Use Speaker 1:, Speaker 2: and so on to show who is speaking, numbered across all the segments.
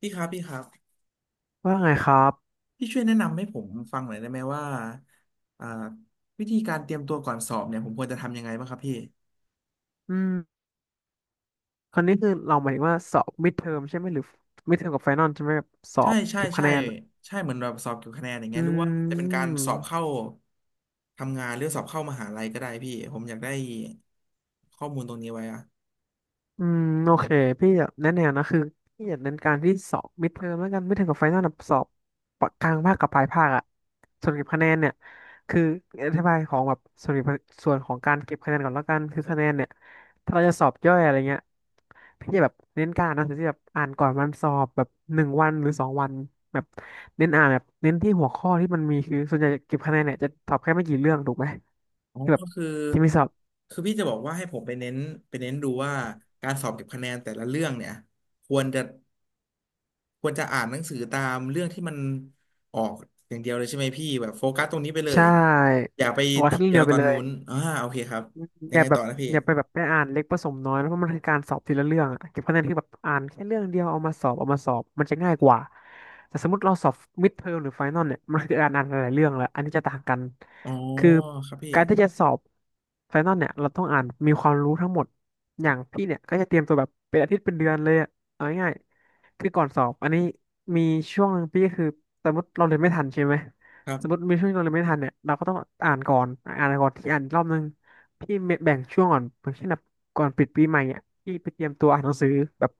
Speaker 1: พี่ครับพี่ครับ
Speaker 2: ว่าไงครับ
Speaker 1: พี่ช่วยแนะนำให้ผมฟังหน่อยได้ไหมว่าอ่าวิธีการเตรียมตัวก่อนสอบเนี่ยผมควรจะทำยังไงบ้างครับพี่
Speaker 2: อืมคนนี้คือเราหมายถึงว่าสอบมิดเทอมใช่ไหมหรือมิดเทอมกับไฟนอลใช่ไหมแบบสอ
Speaker 1: ใช่
Speaker 2: บ
Speaker 1: ใช่
Speaker 2: เก็บคะ
Speaker 1: ใช่
Speaker 2: แนน
Speaker 1: ใช่เหมือนแบบสอบเกี่ยวกับคะแนนอย่าง
Speaker 2: อื
Speaker 1: เงี้ยหรือว่าจะเป็นการสอบเข้า
Speaker 2: ม
Speaker 1: ทำงานหรือสอบเข้ามหาลัยก็ได้พี่ผมอยากได้ข้อมูลตรงนี้ไว้อะ
Speaker 2: อืมโอเคพี่อยากแนะแนวนะคือพี่อยากเน้นการที่สอบมิดเทอมแล้วกันมิดเทอมกับไฟนอลแบสอบกลางภาคกับปลายภาคอะส่วนเก็บคะแนนเนี่ยคืออธิบายของแบบส่วนของการเก็บคะแนนก่อนแล้วกันคือคะแนนเนี่ยถ้าเราจะสอบย่อยอะไรเงี้ยพี่จะแบบเน้นการอ่านหนังสือที่แบบอ่านก่อนวันสอบแบบหนึ่งวันหรือสองวันแบบเน้นอ่านแบบเน้นที่หัวข้อที่มันมีคือส่วนใหญ่เก็บคะแนนเนี่ยจะตอบแค่ไม่กี่เรื่องถูกไหม
Speaker 1: อ๋อ
Speaker 2: ที่แบบ
Speaker 1: ก็คือ
Speaker 2: ที่มีสอบ
Speaker 1: คือพี่จะบอกว่าให้ผมไปเน้นไปเน้นดูว่าการสอบเก็บคะแนนแต่ละเรื่องเนี่ยควรจะ ควรจะอ่านหนังสือตามเรื่องที่มันออกอย่างเดียวเลยใช่ไหมพี่แบบโฟกัสตรงนี้ไปเลย
Speaker 2: ใช่
Speaker 1: อย่าไป
Speaker 2: บอกว่า
Speaker 1: ที
Speaker 2: แค่เรื่อง
Speaker 1: เดีย
Speaker 2: เดี
Speaker 1: ว
Speaker 2: ยว
Speaker 1: ต
Speaker 2: ไป
Speaker 1: อน
Speaker 2: เล
Speaker 1: นู้
Speaker 2: ย
Speaker 1: นอ่าโอเคครับยั
Speaker 2: อ
Speaker 1: ง
Speaker 2: ย่า
Speaker 1: ไง
Speaker 2: แบ
Speaker 1: ต่อ
Speaker 2: บ
Speaker 1: นะพี่
Speaker 2: อย่าไปแบบไปอ่านเล็กผสมน้อยนะเพราะมันคือการสอบทีละเรื่องอะเก็บคะแนนคือแบบอ่านแค่เรื่องเดียวเอามาสอบมันจะง่ายกว่าแต่สมมติเราสอบมิดเทอมหรือไฟนอลเนี่ยมันคือการอ่านหลายๆเรื่องแล้วอันนี้จะต่างกัน
Speaker 1: อ๋อ
Speaker 2: คือ
Speaker 1: ครับพี่
Speaker 2: การที่จะสอบไฟนอลเนี่ยเราต้องอ่านมีความรู้ทั้งหมดอย่างพี่เนี่ยก็จะเตรียมตัวแบบเป็นอาทิตย์เป็นเดือนเลยอะเอาง่ายๆคือก่อนสอบอันนี้มีช่วงหนึ่งพี่ก็คือสมมติเราเรียนไม่ทันใช่ไหม
Speaker 1: ครั
Speaker 2: สมมติ
Speaker 1: บ
Speaker 2: มีช่วงที่เราเรียนไม่ทันเนี่ยเราก็ต้องอ่านก่อนอ่านก่อนที่อ่านอีกรอบนึง พี่แบ่งช่วงก่อนอย่างเช่นแบบก่อนปิดปีใหม่อ่ะพี่ไปเตรียมตัวอ่านหนังสือแบบ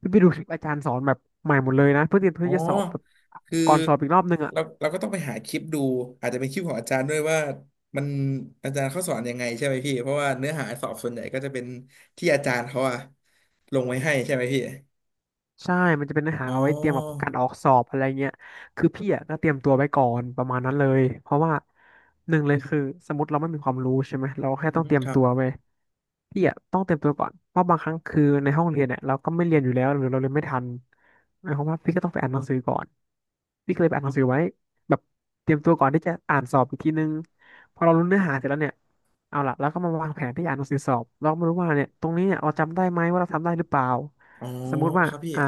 Speaker 2: พี่ไปดูคลิปอาจารย์สอนแบบใหม่หมดเลยนะเพื่อเตรียม
Speaker 1: อ๋
Speaker 2: เพื่
Speaker 1: อ
Speaker 2: อจะสอบแบบ
Speaker 1: คือ
Speaker 2: ก่อนสอบอีกรอบนึงอ่ะ
Speaker 1: เราก็ต้องไปหาคลิปดูอาจจะเป็นคลิปของอาจารย์ด้วยว่ามันอาจารย์เขาสอนยังไงใช่ไหมพี่เพราะว่าเนื้อหาสอบส่วนใหญ่ก็จะเป็นที่อาจารย์เขาอะลงไว้ให้ใช่ไหมพี่
Speaker 2: ใช่มันจะเป็นเนื้อหา
Speaker 1: อ๋
Speaker 2: เอาไว้เตรียมแบบ
Speaker 1: อ
Speaker 2: การออกสอบอะไรเงี้ยคือพี่อ่ะก็เตรียมตัวไว้ก่อนประมาณนั้นเลยเพราะว่าหนึ่งเลยคือสมมติเราไม่มีความรู้ใช่ไหมเราแค่
Speaker 1: อื
Speaker 2: ต้อง
Speaker 1: ม
Speaker 2: เตรีย
Speaker 1: ค
Speaker 2: ม
Speaker 1: รับ
Speaker 2: ตัวไปพี่อ่ะต้องเตรียมตัวก่อนเพราะบางครั้งคือในห้องเรียนเนี่ยเราก็ไม่เรียนอยู่แล้วหรือเราเรียนไม่ทันหมายความว่าพี่ก็ต้องไปอ่านหนังสือก่อน พี่ก็เลยไปอ่านหนังสือไว้แบบเตรียมตัวก่อนที่จะอ่านสอบอีกทีนึงพอเรารู้เนื้อหาเสร็จแล้วเนี่ยเอาล่ะเราก็มาวางแผนที่จะอ่านหนังสือสอบเราก็ไม่รู้ว่าเนี่ยตรงนี้เนี่ยเราจำได้ไหมว่าเราทำได้หรือเปล่า
Speaker 1: อ๋อ
Speaker 2: สมมุติว่า
Speaker 1: ครับพี่
Speaker 2: อ่ะ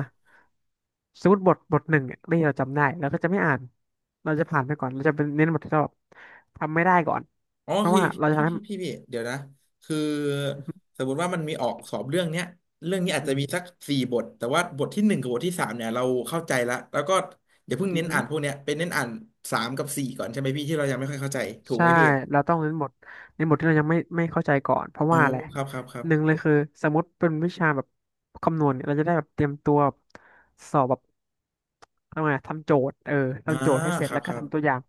Speaker 2: สมมติบทหนึ่งเนี่ยที่เราจำได้เราก็จะไม่อ่านเราจะผ่านไปก่อนเราจะเป็นเน้นบทที่เราแบบทำไม่ได้ก่อน
Speaker 1: อ๋อ
Speaker 2: เพราะ
Speaker 1: คือ
Speaker 2: ว่าเราจะ
Speaker 1: พี่
Speaker 2: ทำให้
Speaker 1: พี่พี่พี่เดี๋ยวนะคือ
Speaker 2: อื
Speaker 1: สมมติว่ามันมีออกสอบเรื่องเนี้ยเรื่องนี้อาจ
Speaker 2: ม
Speaker 1: จะมีสัก4 บทแต่ว่าบทที่ 1กับบทที่ 3เนี่ยเราเข้าใจละแล้วก็อย่าเพิ่ง
Speaker 2: อื
Speaker 1: เน้นอ่าน
Speaker 2: ม
Speaker 1: พวกเนี้ยเป็นเน้นอ่านสามกับสี่ก่อนใช่ไหมพี่ที่เรายังไม่ค่อยเข้าใจถูก
Speaker 2: ใช่
Speaker 1: ไหมพี่
Speaker 2: เราต้องเน้นบทในบทที่เรายังไม่เข้าใจก่อนเพราะ
Speaker 1: อ๋อ
Speaker 2: ว่าอะไร
Speaker 1: ครับครับครับ
Speaker 2: หนึ่งเลยคือสมมติเป็นวิชาแบบคำนวณเนี่ยเราจะได้แบบเตรียมตัวสอบแบบทำไงทำโจทย์
Speaker 1: อ่า
Speaker 2: ทำโจทย์ให้เสร็
Speaker 1: ค
Speaker 2: จ
Speaker 1: รั
Speaker 2: แล้
Speaker 1: บ
Speaker 2: ว
Speaker 1: ค
Speaker 2: ก็
Speaker 1: รับ
Speaker 2: ทำตัวอย่าง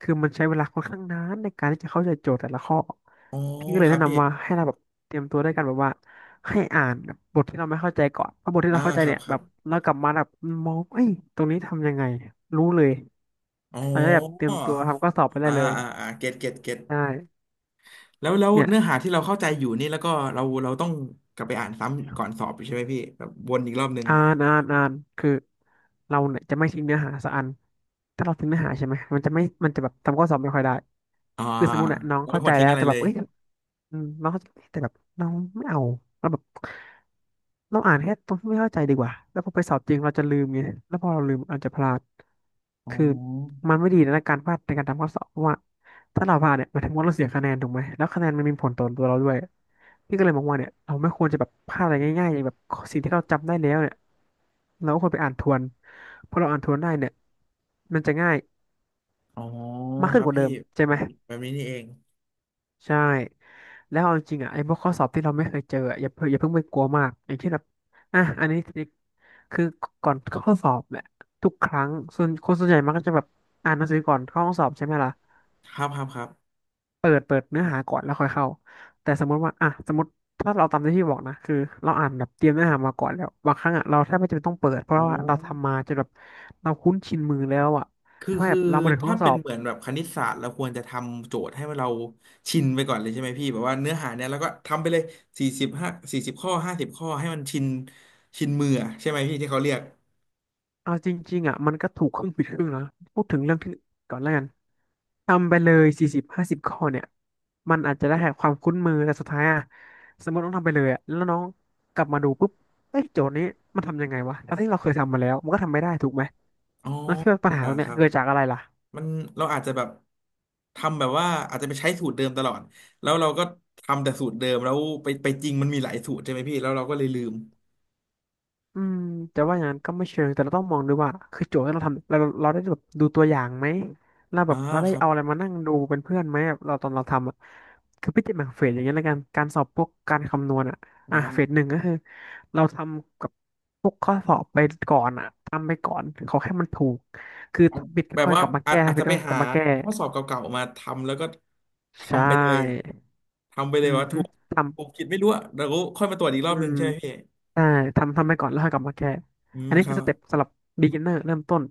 Speaker 2: คือมันใช้เวลาค่อนข้างนานในการที่จะเข้าใจโจทย์แต่ละข้อ
Speaker 1: อ๋อ
Speaker 2: พี่ก็เล
Speaker 1: ค
Speaker 2: ย
Speaker 1: รั
Speaker 2: แนะ
Speaker 1: บพี่
Speaker 2: นำว่าให้เราแบบเตรียมตัวด้วยกันแบบว่าให้อ่านแบบบทที่เราไม่เข้าใจก่อนเพราะบทที่
Speaker 1: อ่า
Speaker 2: เราเข้าใจ
Speaker 1: ครับ
Speaker 2: เนี่ย
Speaker 1: ค
Speaker 2: แบ
Speaker 1: รับ
Speaker 2: บเรากลับมาแบบมองเอ้ยตรงนี้ทำยังไงรู้เลย
Speaker 1: อ๋
Speaker 2: เราจะได้แบบเตรี
Speaker 1: อ
Speaker 2: ยมตัวทำข้อสอบไปได้
Speaker 1: อ่า
Speaker 2: เลย
Speaker 1: อ่าอ่าเก็ตเก็ตเก็ต
Speaker 2: ใช่
Speaker 1: แล้วแล้ว
Speaker 2: เนี่ย
Speaker 1: เนื้อหาที่เราเข้าใจอยู่นี่แล้วก็เราต้องกลับไปอ่านซ้ำก่อนสอบอยู่ใช่ไหมพี่แบบวนอีกรอบนึง
Speaker 2: อ่านอ่านอ่านคือเราเนี่ยจะไม่ทิ้งเนื้อหาสักอันถ้าเราทิ้งเนื้อหาใช่ไหมมันจะแบบทำข้อสอบไม่ค่อยได้
Speaker 1: อ่า
Speaker 2: คือสมมติเนี่ยน้อง
Speaker 1: เราไม่
Speaker 2: เข้า
Speaker 1: ค
Speaker 2: ใจ
Speaker 1: วรทิ้
Speaker 2: แล้
Speaker 1: ง
Speaker 2: ว
Speaker 1: อะไร
Speaker 2: แต่แบ
Speaker 1: เล
Speaker 2: บ
Speaker 1: ย
Speaker 2: เอ้ยอืมน้องเข้าใจแต่แบบน้องไม่เอาแล้วแบบเราอ่านแค่ตรงที่ไม่เข้าใจดีกว่าแล้วพอไปสอบจริงเราจะลืมไงแล้วพอเราลืมอาจจะพลาด
Speaker 1: อ๋
Speaker 2: คือ
Speaker 1: อ
Speaker 2: มันไม่ดีนะการพลาดในการทำข้อสอบเพราะว่าถ้าเราพลาดเนี่ยหมายถึงว่าเราเสียคะแนนถูกไหมแล้วคะแนนมันมีผลต่อตัวเราด้วย พี่ก็เลยมองว่าเนี่ยเราไม่ควรจะแบบพลาดอะไรง่ายๆอย่างแบบสิ่งที่เราจำได้แล้วเนี่ยเราก็ควรไปอ่านทวนเพราะเราอ่านทวนได้เนี่ยมันจะง่าย
Speaker 1: อ๋อ
Speaker 2: มาก
Speaker 1: ค
Speaker 2: ขึ้น
Speaker 1: รับ
Speaker 2: กว่าเดิ
Speaker 1: พี่
Speaker 2: มใช่
Speaker 1: แบ
Speaker 2: ไหม
Speaker 1: บแบบนี้นี่เอง
Speaker 2: ใช่แล้วเอาจริงๆอ่ะไอ้พวกข้อสอบที่เราไม่เคยเจออะอย่าเพิ่งไปกลัวมากอย่างเช่นแบบอ่ะอันนี้คือก่อนเข้าสอบเนี่ยทุกครั้งส่วนคนส่วนใหญ่มักก็จะแบบอ่านหนังสือก่อนเข้าห้องสอบใช่ไหมล่ะ
Speaker 1: ครับครับครับ
Speaker 2: เปิดเนื้อหาก่อนแล้วค่อยเข้าแต่สมมติว่าอ่ะสมมติถ้าเราตามที่พี่บอกนะคือเราอ่านแบบเตรียมเนื้อหามาก่อนแล้วบางครั้งอ่ะเราแทบไม่จำเป็นต้องเปิดเพราะ
Speaker 1: อ๋อ
Speaker 2: ว่าเราทำมาจนแบบเราคุ้นชินมือแล้วอ่ะ
Speaker 1: คือ
Speaker 2: ถ้าแบ
Speaker 1: คือ
Speaker 2: บเรามาถึงห้อ
Speaker 1: ถ้า
Speaker 2: งส
Speaker 1: เป็
Speaker 2: อ
Speaker 1: น
Speaker 2: บ
Speaker 1: เหมือนแบบคณิตศาสตร์เราควรจะทำโจทย์ให้เราชินไปก่อนเลยใช่ไหมพี่แบบว่าเนื้อหาเนี่ยแล้วก็ทำไปเลย4540 ข้อ50 ข้อให้มันชินชินมืออะใช่ไหมพี่ที่เขาเรียก
Speaker 2: เอาจริงๆอ่ะมันก็ถูกครึ่งผิดครึ่งนะพูดถึงเรื่องที่ก่อนแล้วกันทำไปเลยสี่สิบห้าสิบข้อเนี่ยมันอาจจะได้แค่ความคุ้นมือแต่สุดท้ายอ่ะสมมติน้องทำไปเลยอ่ะแล้วน้องกลับมาดูปุ๊บเอ้ยโจทย์นี้มันทำยังไงวะทั้งที่เราเคยทำมาแล้วมันก็ทำไม่ได้ถูกไหม
Speaker 1: อ๋อ
Speaker 2: แล้วคิดว่าปัญหา
Speaker 1: อ่า
Speaker 2: ตรงเนี้
Speaker 1: ค
Speaker 2: ย
Speaker 1: รับ
Speaker 2: เกิดจากอะไรล่ะ
Speaker 1: มันเราอาจจะแบบทำแบบว่าอาจจะใช้สูตรเดิมตลอดแล้วเราก็ทำแต่สูตรเดิมแล้วไปไปจริงมันมีหลายสูตรใช่ไหมพี่แล้วเราก็เลยลืม
Speaker 2: อืมจะว่าอย่างนั้นก็ไม่เชิงแต่เราต้องมองด้วยว่าคือโจทย์ที่เราทำเราได้แบบดูตัวอย่างไหมเราแบ
Speaker 1: อ่า
Speaker 2: บเราได้
Speaker 1: ครับ
Speaker 2: เอาอะไรมานั่งดูเป็นเพื่อนไหมแบบเราตอนเราทำอะคือพิจิตรแบ่งเฟสอย่างเงี้ยแล้วกันการสอบพวกการคำนวณอ่ะ
Speaker 1: อ
Speaker 2: อ่ะเฟสห
Speaker 1: ่า
Speaker 2: นึ่งก็คือเราทำกับพวกข้อสอบไปก่อนอ่ะทำไปก่อนขอแค่มันถูกคือ
Speaker 1: เอา
Speaker 2: ผิดก็
Speaker 1: แบบ
Speaker 2: ค่อย
Speaker 1: ว่า
Speaker 2: กลับมา
Speaker 1: อาจ
Speaker 2: แก้
Speaker 1: อาจ
Speaker 2: ผิด
Speaker 1: จะไป
Speaker 2: ก็ค่อยก
Speaker 1: หา
Speaker 2: ลับมาแก้
Speaker 1: ข้อสอบเก่าๆมาทำแล้วก็
Speaker 2: ใช่
Speaker 1: ทำไปเลยทำไปเล
Speaker 2: อื
Speaker 1: ย
Speaker 2: อ
Speaker 1: ว่า
Speaker 2: ฮึ
Speaker 1: ถูกถูก
Speaker 2: ทำ
Speaker 1: ผิดไม่รู้อะแล้วก็ค่อยมาตรวจอีกร
Speaker 2: อื
Speaker 1: อบหนึ่ง
Speaker 2: ม
Speaker 1: ใช่ไหมพี่
Speaker 2: ใช่ทำไปก่อนแล้วค่อยกลับมาแก้
Speaker 1: อืม
Speaker 2: อันนี้
Speaker 1: ค
Speaker 2: คื
Speaker 1: รั
Speaker 2: อส
Speaker 1: บ
Speaker 2: เต็ปสำหรับ beginner เริ่มต้น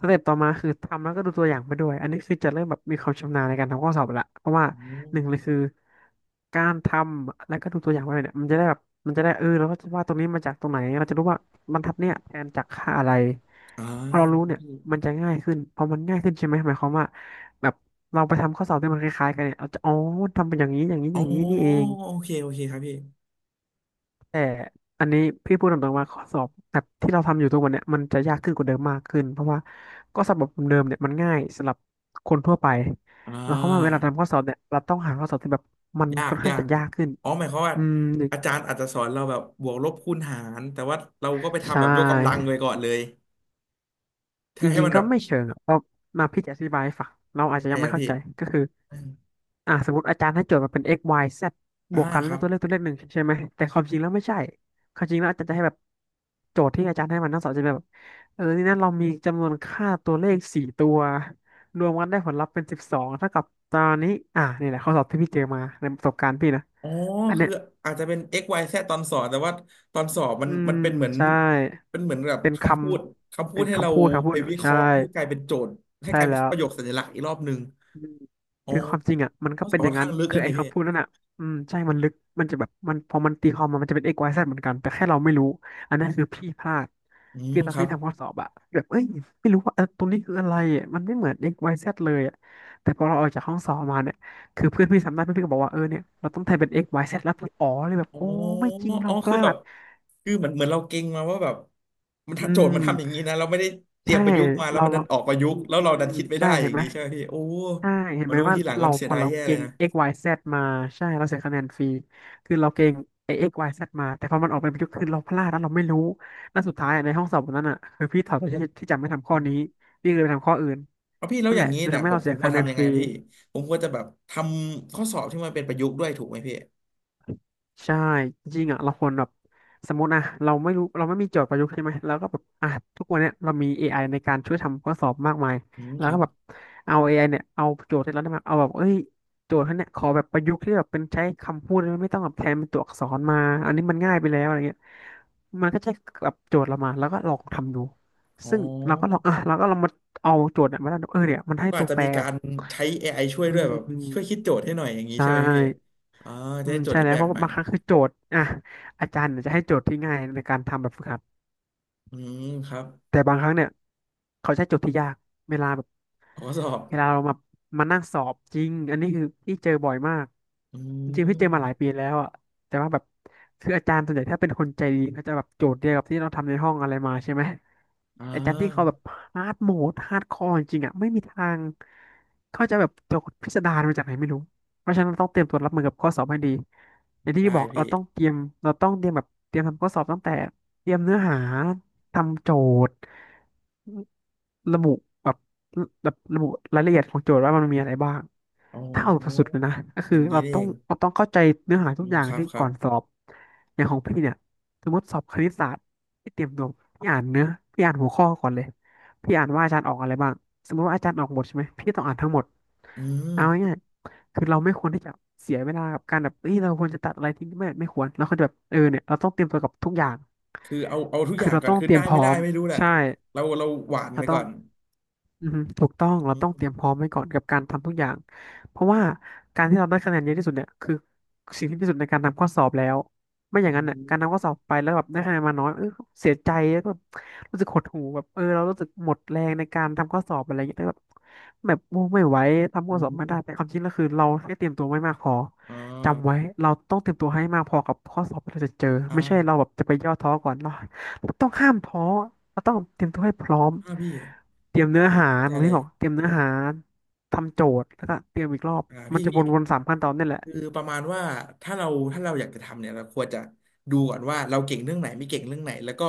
Speaker 2: สเต็ปต่อมาคือทำแล้วก็ดูตัวอย่างไปด้วยอันนี้คือจะเริ่มแบบมีความชำนาญในการทำข้อสอบละเพราะว่า
Speaker 1: อืม
Speaker 2: หนึ่งเลยคือการทำแล้วก็ดูตัวอย่างไปเนี่ยมันจะได้แบบมันจะได้เออเราก็จะว่าตรงนี้มาจากตรงไหนเราจะรู้ว่าบรรทัดเนี่ยแทนจากค่าอะไร
Speaker 1: อ่า
Speaker 2: พอ
Speaker 1: ครั
Speaker 2: เรา
Speaker 1: บ
Speaker 2: รู้เนี่ย
Speaker 1: พี่
Speaker 2: มันจะง่ายขึ้นพอมันง่ายขึ้นใช่ไหมหมายความว่าแบบเราไปทำข้อสอบที่มันคล้ายๆกันเนี่ยเราจะอ๋อทำเป็นอย่างนี้อย่างนี้
Speaker 1: อ๋
Speaker 2: อ
Speaker 1: อ
Speaker 2: ย่างนี้นี่เอง
Speaker 1: โอเคโอเคครับพี่
Speaker 2: แต่อันนี้พี่พูดตรงๆว่าข้อสอบแบบที่เราทำอยู่ทุกวันเนี่ยมันจะยากขึ้นกว่าเดิมมากขึ้นเพราะว่าก็สอบแบบเดิมเนี่ยมันง่ายสำหรับคนทั่วไป
Speaker 1: อ่า
Speaker 2: หมายความว่าเวลาทำข้อสอบเนี่ยเราต้องหาข้อสอบที่แบบมัน
Speaker 1: ยา
Speaker 2: ค่
Speaker 1: ก
Speaker 2: อนข้า
Speaker 1: ยา
Speaker 2: งจะ
Speaker 1: ก
Speaker 2: ยากขึ้น
Speaker 1: อ๋อหมายความว่า
Speaker 2: อืม
Speaker 1: อาจารย์อาจจะสอนเราแบบบวกลบคูณหารแต่ว่าเราก็ไป
Speaker 2: ใช
Speaker 1: ทำแบบยกกำลัง
Speaker 2: ่
Speaker 1: ไว้ก่อนเลย
Speaker 2: จ
Speaker 1: ถ้าให้
Speaker 2: ริง
Speaker 1: มัน
Speaker 2: ๆก็
Speaker 1: แบบ
Speaker 2: ไม่เชิงอะเพราะมาพี่จะอธิบายให้ฟังเราอาจ
Speaker 1: ยัง
Speaker 2: จะ
Speaker 1: ไง
Speaker 2: ยังไม่
Speaker 1: อะ
Speaker 2: เข้า
Speaker 1: พี่
Speaker 2: ใจก็คือ
Speaker 1: อืม
Speaker 2: อ่ะสมมติอาจารย์ให้โจทย์มาเป็น x y z บ
Speaker 1: อ่า
Speaker 2: วกกัน
Speaker 1: ค
Speaker 2: แล้
Speaker 1: รั
Speaker 2: ว
Speaker 1: บ
Speaker 2: ตัวเลขหนึ่งใช่ไหมแต่ความจริงแล้วไม่ใช่ความจริงแล้วอาจารย์จะให้แบบโจทย์ที่อาจารย์ให้มันทั้งสองจะเป็นแบบเออนี่นะเรามีจำนวนค่าตัวเลขสี่ตัวรวมกันได้ผลลัพธ์เป็นสิบสองเท่ากับตอนนี้อ่ะนี่แหละข้อสอบที่พี่เจอมาในประสบการณ์พี่นะ
Speaker 1: อ๋อ
Speaker 2: อัน
Speaker 1: คื
Speaker 2: เนี้
Speaker 1: อ
Speaker 2: ย
Speaker 1: อาจจะเป็น x y z ตอนสอนแต่ว่าตอนสอบมัน
Speaker 2: อื
Speaker 1: มั
Speaker 2: ม
Speaker 1: นเป็นเหมือน
Speaker 2: ใช่
Speaker 1: เป็นเหมือนแบบ
Speaker 2: เป็นค
Speaker 1: คำพูดคำ
Speaker 2: ำ
Speaker 1: พู
Speaker 2: เป็
Speaker 1: ด
Speaker 2: น
Speaker 1: ให้เรา
Speaker 2: คำพูดคำพู
Speaker 1: ไป
Speaker 2: ด
Speaker 1: วิเค
Speaker 2: ใช่
Speaker 1: ราะห์ให้กลายเป็นโจทย์ให้
Speaker 2: ใช่
Speaker 1: กลายเป็น
Speaker 2: แล้ว
Speaker 1: ประโยคสัญลักษณ์อีกรอบหนึ่ง
Speaker 2: อืม
Speaker 1: อ๋อ
Speaker 2: คือความจริงอ่ะมันก็
Speaker 1: ข้อส
Speaker 2: เป็
Speaker 1: อ
Speaker 2: น
Speaker 1: บ
Speaker 2: อ
Speaker 1: ค่
Speaker 2: ย่า
Speaker 1: อ
Speaker 2: ง
Speaker 1: น
Speaker 2: นั้
Speaker 1: ข้า
Speaker 2: น
Speaker 1: งลึก
Speaker 2: คือ
Speaker 1: นะ
Speaker 2: ไอ้
Speaker 1: เนี่ยพี่
Speaker 2: คำพูดนั่นอ่ะอืมใช่มันลึกมันจะแบบมันพอมันตีความมามันจะเป็น x y z เหมือนกันแต่แค่เราไม่รู้อันนั้นคือพี่พลาด
Speaker 1: อืม
Speaker 2: คือตอ
Speaker 1: ค
Speaker 2: น
Speaker 1: รั
Speaker 2: พี่
Speaker 1: บ
Speaker 2: ทำข้อสอบอะแบบเอ้ยไม่รู้ว่าตรงนี้คืออะไรอะมันไม่เหมือน x y z เลยอะแต่พอเราออกจากห้องสอบมาเนี่ยคือเพื่อนพี่ทำได้เพื่อนพี่ก็บอกว่าเออเนี่ยเราต้องแทนเป็น x y z แล้วพี่อ๋อเลยแบบ
Speaker 1: อ๋อ
Speaker 2: โอ้ไม่จริงเรา
Speaker 1: อ๋อ
Speaker 2: พ
Speaker 1: คือ
Speaker 2: ลา
Speaker 1: แบบ
Speaker 2: ด
Speaker 1: คือเหมือนเหมือนเราเก่งมาว่าแบบมัน
Speaker 2: อื
Speaker 1: โจทย์
Speaker 2: ม
Speaker 1: มันทำอย่างนี้นะ เราไม่ได้เตรี
Speaker 2: ใช่
Speaker 1: ยมประยุกต์มาแล้ว
Speaker 2: เรา
Speaker 1: มันดั
Speaker 2: เรา
Speaker 1: นออกประยุ
Speaker 2: อื
Speaker 1: กต์
Speaker 2: ม
Speaker 1: แล้ว
Speaker 2: อื
Speaker 1: เรา
Speaker 2: ม
Speaker 1: ดันคิดไม่
Speaker 2: ใช่
Speaker 1: ได้อ
Speaker 2: เห็
Speaker 1: ย่า
Speaker 2: น
Speaker 1: ง
Speaker 2: ไหม
Speaker 1: นี้ใช่ไหมพี่โอ้
Speaker 2: ใช่เห็น
Speaker 1: มา
Speaker 2: ไหม
Speaker 1: รู้
Speaker 2: ว่า
Speaker 1: ทีหลังก็
Speaker 2: เรา
Speaker 1: เสี
Speaker 2: พ
Speaker 1: ย
Speaker 2: อ
Speaker 1: ดาย
Speaker 2: เรา
Speaker 1: แย่เล
Speaker 2: เก่
Speaker 1: ย
Speaker 2: ง
Speaker 1: นะ
Speaker 2: x y z มาใช่เราเสียคะแนนฟรีคือเราเก่งไอ้ x y z มาแต่พอมันออกเป็นประยุกต์คือเราพลาดแล้วเราไม่รู้แล้วสุดท้ายอะในห้องสอบวันนั้นอ่ะคือพี่ถอดตัวที่จำไม่ทำข้
Speaker 1: อื
Speaker 2: อนี้
Speaker 1: ม
Speaker 2: พี่เลยไปทำข้ออื่น
Speaker 1: เอาพี่แล้ว
Speaker 2: นั่น
Speaker 1: อ
Speaker 2: แห
Speaker 1: ย่าง
Speaker 2: ละ
Speaker 1: นี้
Speaker 2: คือ
Speaker 1: เนี่
Speaker 2: ทำ
Speaker 1: ย
Speaker 2: ให้
Speaker 1: ผม
Speaker 2: เรา
Speaker 1: ผ
Speaker 2: เสี
Speaker 1: ม
Speaker 2: ย
Speaker 1: ควร
Speaker 2: คะแนน
Speaker 1: ทำยั
Speaker 2: ฟ
Speaker 1: งไง
Speaker 2: รี
Speaker 1: พี่ผมควรจะแบบทำข้อสอบที่มันเป็นประยุกต์ด้วยถูกไหมพี่
Speaker 2: ใช่จริงๆอ่ะเราควรแบบสมมติอ่ะเราไม่รู้เราไม่มีโจทย์ประยุกต์ใช่ไหมเราก็แบบอ่ะทุกวันเนี้ยเรามี AI ในการช่วยทำข้อสอบมากมาย
Speaker 1: อืม
Speaker 2: แล้
Speaker 1: ค
Speaker 2: ว
Speaker 1: รั
Speaker 2: ก็
Speaker 1: บ
Speaker 2: แบบเอาเอไอเนี่ยเอาโจทย์ที่เราได้มาเอาแบบเอ้ยโจทย์ท่านเนี่ยขอแบบประยุกต์ที่แบบเป็นใช้คำพูดไม่ต้องแบบแทนเป็นตัวอักษรมาอันนี้มันง่ายไปแล้วอะไรเงี้ยมันก็จะแบบโจทย์เรามาแล้วก็ลองทำดู
Speaker 1: อ๋
Speaker 2: ซึ่งเราก็ลอ
Speaker 1: อ
Speaker 2: งอ่ะเราก็ลองมาเอาโจทย์เนี่ยมาแล้วเออเนี่ยมันให้
Speaker 1: ก็
Speaker 2: ตั
Speaker 1: อาจ
Speaker 2: ว
Speaker 1: จะ
Speaker 2: แปร
Speaker 1: มีกา
Speaker 2: แบบ
Speaker 1: รใช้AIช่วย
Speaker 2: อื
Speaker 1: ด้วยแบบช่วยคิ
Speaker 2: ม
Speaker 1: ดโจทย์ให้หน่อยอย่างนี้
Speaker 2: ใช่
Speaker 1: ใช่ไหมพี่อ่า
Speaker 2: อื
Speaker 1: จะได้
Speaker 2: ม
Speaker 1: โจท
Speaker 2: ใช่
Speaker 1: ย์ที่
Speaker 2: แล้
Speaker 1: แป
Speaker 2: ว
Speaker 1: ล
Speaker 2: เพ
Speaker 1: ก
Speaker 2: ราะ
Speaker 1: ใหม่
Speaker 2: บางครั้งคือโจทย์อ่ะอาจารย์เนี่ยจะให้โจทย์ที่ง่ายในการทำแบบฝึกหัด
Speaker 1: อืมครับ
Speaker 2: แต่บางครั้งเนี่ยเขาใช้โจทย์ที่ยากเวลาแบบ
Speaker 1: ข้อสอบ
Speaker 2: เวลาเรามามานั่งสอบจริงอันนี้คือพี่เจอบ่อยมาก
Speaker 1: อื
Speaker 2: จริงๆพี่เจอมาหลาย
Speaker 1: ม
Speaker 2: ปีแล้วอ่ะแต่ว่าแบบคืออาจารย์ส่วนใหญ่ถ้าเป็นคนใจดีเขาจะแบบโจทย์เดียวกับที่เราทำในห้องอะไรมาใช่ไหม
Speaker 1: อ่
Speaker 2: อาจารย์ที่เขา
Speaker 1: า
Speaker 2: แบบฮาร์ดโหมดฮาร์ดคอร์จริงๆอ่ะไม่มีทางเขาจะแบบโจทย์พิสดารมาจากไหนไม่รู้เพราะฉะนั้นเราต้องเตรียมตัวรับมือกับข้อสอบให้ดีอย่างที่พี่
Speaker 1: ได้
Speaker 2: บอกเรา
Speaker 1: พี่
Speaker 2: ต้องเตรียมเราต้องเตรียมแบบเตรียมทำข้อสอบตั้งแต่เตรียมเนื้อหา ทำโจทย์ ระบุแบบแบบระบุรายละเอียดของโจทย์ว่ามันมีอะไรบ้าง
Speaker 1: โอ้
Speaker 2: ถ้าเอาแบบสุด
Speaker 1: อ
Speaker 2: ๆเลยนะก็
Speaker 1: อ
Speaker 2: คือ
Speaker 1: ย่างนี้นี่เอง
Speaker 2: เราต้องเข้าใจเนื้อหา
Speaker 1: อื
Speaker 2: ทุกอ
Speaker 1: ม
Speaker 2: ย่าง
Speaker 1: ครับ
Speaker 2: ที่
Speaker 1: ครั
Speaker 2: ก่อ
Speaker 1: บ
Speaker 2: นสอบอย่างของพี่เนี่ยสมมติสอบคณิตศาสตร์พี่เตรียมตัวพี่อ่านเนื้อพี่อ่านหัวข้อก่อนเลยพี่อ่านว่าอาจารย์ออกอะไรบ้างสมมติว่าอาจารย์ออกบทใช่ไหมพี่ต้องอ่านทั้งหมด
Speaker 1: อืม
Speaker 2: เอาง่ายๆคือเราไม่ควรที่จะเสียเวลากับการแบบเอ้ยเราควรจะตัดอะไรทิ้งไม่ควรเราควรจะแบบเออเนี่ยเราต้องเตรียมตัวกับทุกอย่าง
Speaker 1: คือเอาทุกอ
Speaker 2: คื
Speaker 1: ย่า
Speaker 2: อ
Speaker 1: ง
Speaker 2: เรา
Speaker 1: ก่อน
Speaker 2: ต้อง
Speaker 1: คือ
Speaker 2: เตรี
Speaker 1: ได้
Speaker 2: ยมพ
Speaker 1: ไม่
Speaker 2: ร้อ
Speaker 1: ได้
Speaker 2: ม
Speaker 1: ไม่รู้แหละ
Speaker 2: ใช่
Speaker 1: เราหวานไป
Speaker 2: เราต้
Speaker 1: ก่
Speaker 2: อ
Speaker 1: อ
Speaker 2: ง
Speaker 1: น
Speaker 2: อือฮึถูกต้อง
Speaker 1: อื
Speaker 2: เราต้องเตรียมพร้อ
Speaker 1: ม
Speaker 2: มไว้ก่อนกับการทำทุกอย่างเพราะว่าการที่เราได้คะแนนเยอะที่สุดเนี่ยคือสิ่งที่ดีที่สุดในการทำข้อสอบแล้วไม่อ
Speaker 1: โอ
Speaker 2: ย่างนั้นเนี่ยการทำ
Speaker 1: อ
Speaker 2: ข้อสอบไปแล้วแบบได้คะแนนมาน้อยเออเสียใจแล้วก็รู้สึกหดหู่แบบเออเรารู้สึกหมดแรงในการทำข้อสอบอะไรอย่างเงี้ยแล้วแบบโอ้ไม่ไหวทำข้อ
Speaker 1: ื
Speaker 2: สอบไม่ได้แต่
Speaker 1: ม
Speaker 2: ความจริงแล้วคือเราแค่เตรียมตัวไม่มากพอ
Speaker 1: อ
Speaker 2: จำไว้
Speaker 1: า
Speaker 2: เราต้องเตรียมตัวให้มากพอกับข้อสอบที่เราจะเจอไม่ใช่เรา
Speaker 1: อ่า
Speaker 2: แบบจะไปย่อท้อก่อนเรา ต้องห้ามท้อเราต้องเตรียมตัวให้พร้อม
Speaker 1: อ่าพี่
Speaker 2: เตรียมเนื้อหา
Speaker 1: เข้า
Speaker 2: เห
Speaker 1: ใจ
Speaker 2: มือน
Speaker 1: เล
Speaker 2: ที่
Speaker 1: ย
Speaker 2: บอกเตรียมเนื้อหาทำโจทย์แล้วก็เตรียมอีกรอบ
Speaker 1: อ่า
Speaker 2: มัน
Speaker 1: พี่
Speaker 2: จะ
Speaker 1: พี่
Speaker 2: วนๆสามขั้นตอนนี่แหละ
Speaker 1: คือประมาณว่าถ้าเราถ้าเราอยากจะทำเนี่ยเราควรจะดูก่อนว่าเราเก่งเรื่องไหนไม่เก่งเรื่องไหนแล้วก็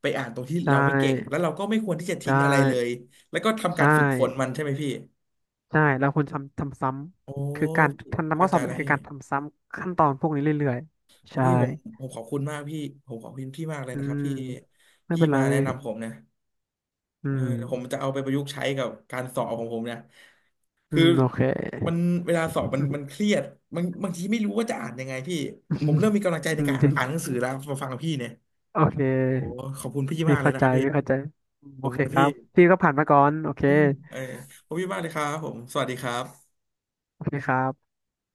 Speaker 1: ไปอ่านตรงที่
Speaker 2: ใช
Speaker 1: เราไม่เก่งแล้
Speaker 2: ่
Speaker 1: วเราก็ไม่ควรที่จะ
Speaker 2: ใช่
Speaker 1: ทิ้งอะไรเลยแล้วก็ทำกา
Speaker 2: ใช่
Speaker 1: รฝึกฝนมันใช่ไหมพี่
Speaker 2: ใช่แล้วคุณทำทำซ้
Speaker 1: โอ้
Speaker 2: ำคือการ
Speaker 1: พี่
Speaker 2: ทำ
Speaker 1: เข้า
Speaker 2: ข้อส
Speaker 1: ใจ
Speaker 2: อบเนี่
Speaker 1: แล้
Speaker 2: ย
Speaker 1: ว
Speaker 2: คือ
Speaker 1: พี่
Speaker 2: การทำซ้ำขั้นตอนพวกนี้เรื่อยๆ
Speaker 1: โอ้
Speaker 2: ใช่
Speaker 1: พี่ผมขอบคุณมากพี่ผมขอบคุณพี่มากเลย
Speaker 2: อื
Speaker 1: นะครับ
Speaker 2: ม
Speaker 1: ที่
Speaker 2: ไม่
Speaker 1: พี่
Speaker 2: เป็นไร
Speaker 1: มาแนะนำผมเนี่ย
Speaker 2: อื
Speaker 1: เออผม
Speaker 2: ม
Speaker 1: จะเอาไปประยุกต์ใช้กับการสอบของผมเนี่ย
Speaker 2: อื
Speaker 1: คือ
Speaker 2: มโอเค
Speaker 1: มันเวลาสอบมันมันเครียดบางทีไม่รู้ว่าจะอ่านยังไงพี่ผมเริ่มมีกำลังใจ ใน
Speaker 2: อืม
Speaker 1: การ
Speaker 2: จริง
Speaker 1: อ่านหนังสือแล้วมาฟังพี่เนี่ย
Speaker 2: โอเ
Speaker 1: โอ้
Speaker 2: ค
Speaker 1: ขอบคุณพี่
Speaker 2: พี่
Speaker 1: มากเลย
Speaker 2: เข้า
Speaker 1: นะ
Speaker 2: ใจ
Speaker 1: ครับพี่
Speaker 2: พี่เข้าใจ
Speaker 1: ข
Speaker 2: โอ
Speaker 1: อบคุ
Speaker 2: เค
Speaker 1: ณ
Speaker 2: ค
Speaker 1: พี่
Speaker 2: รับพี่ก็ผ่านมาก่อนโอ
Speaker 1: อื
Speaker 2: เค
Speaker 1: มเออขอบคุณพี่มากเลยครับผมสวัสดีครับ
Speaker 2: โอเคครับ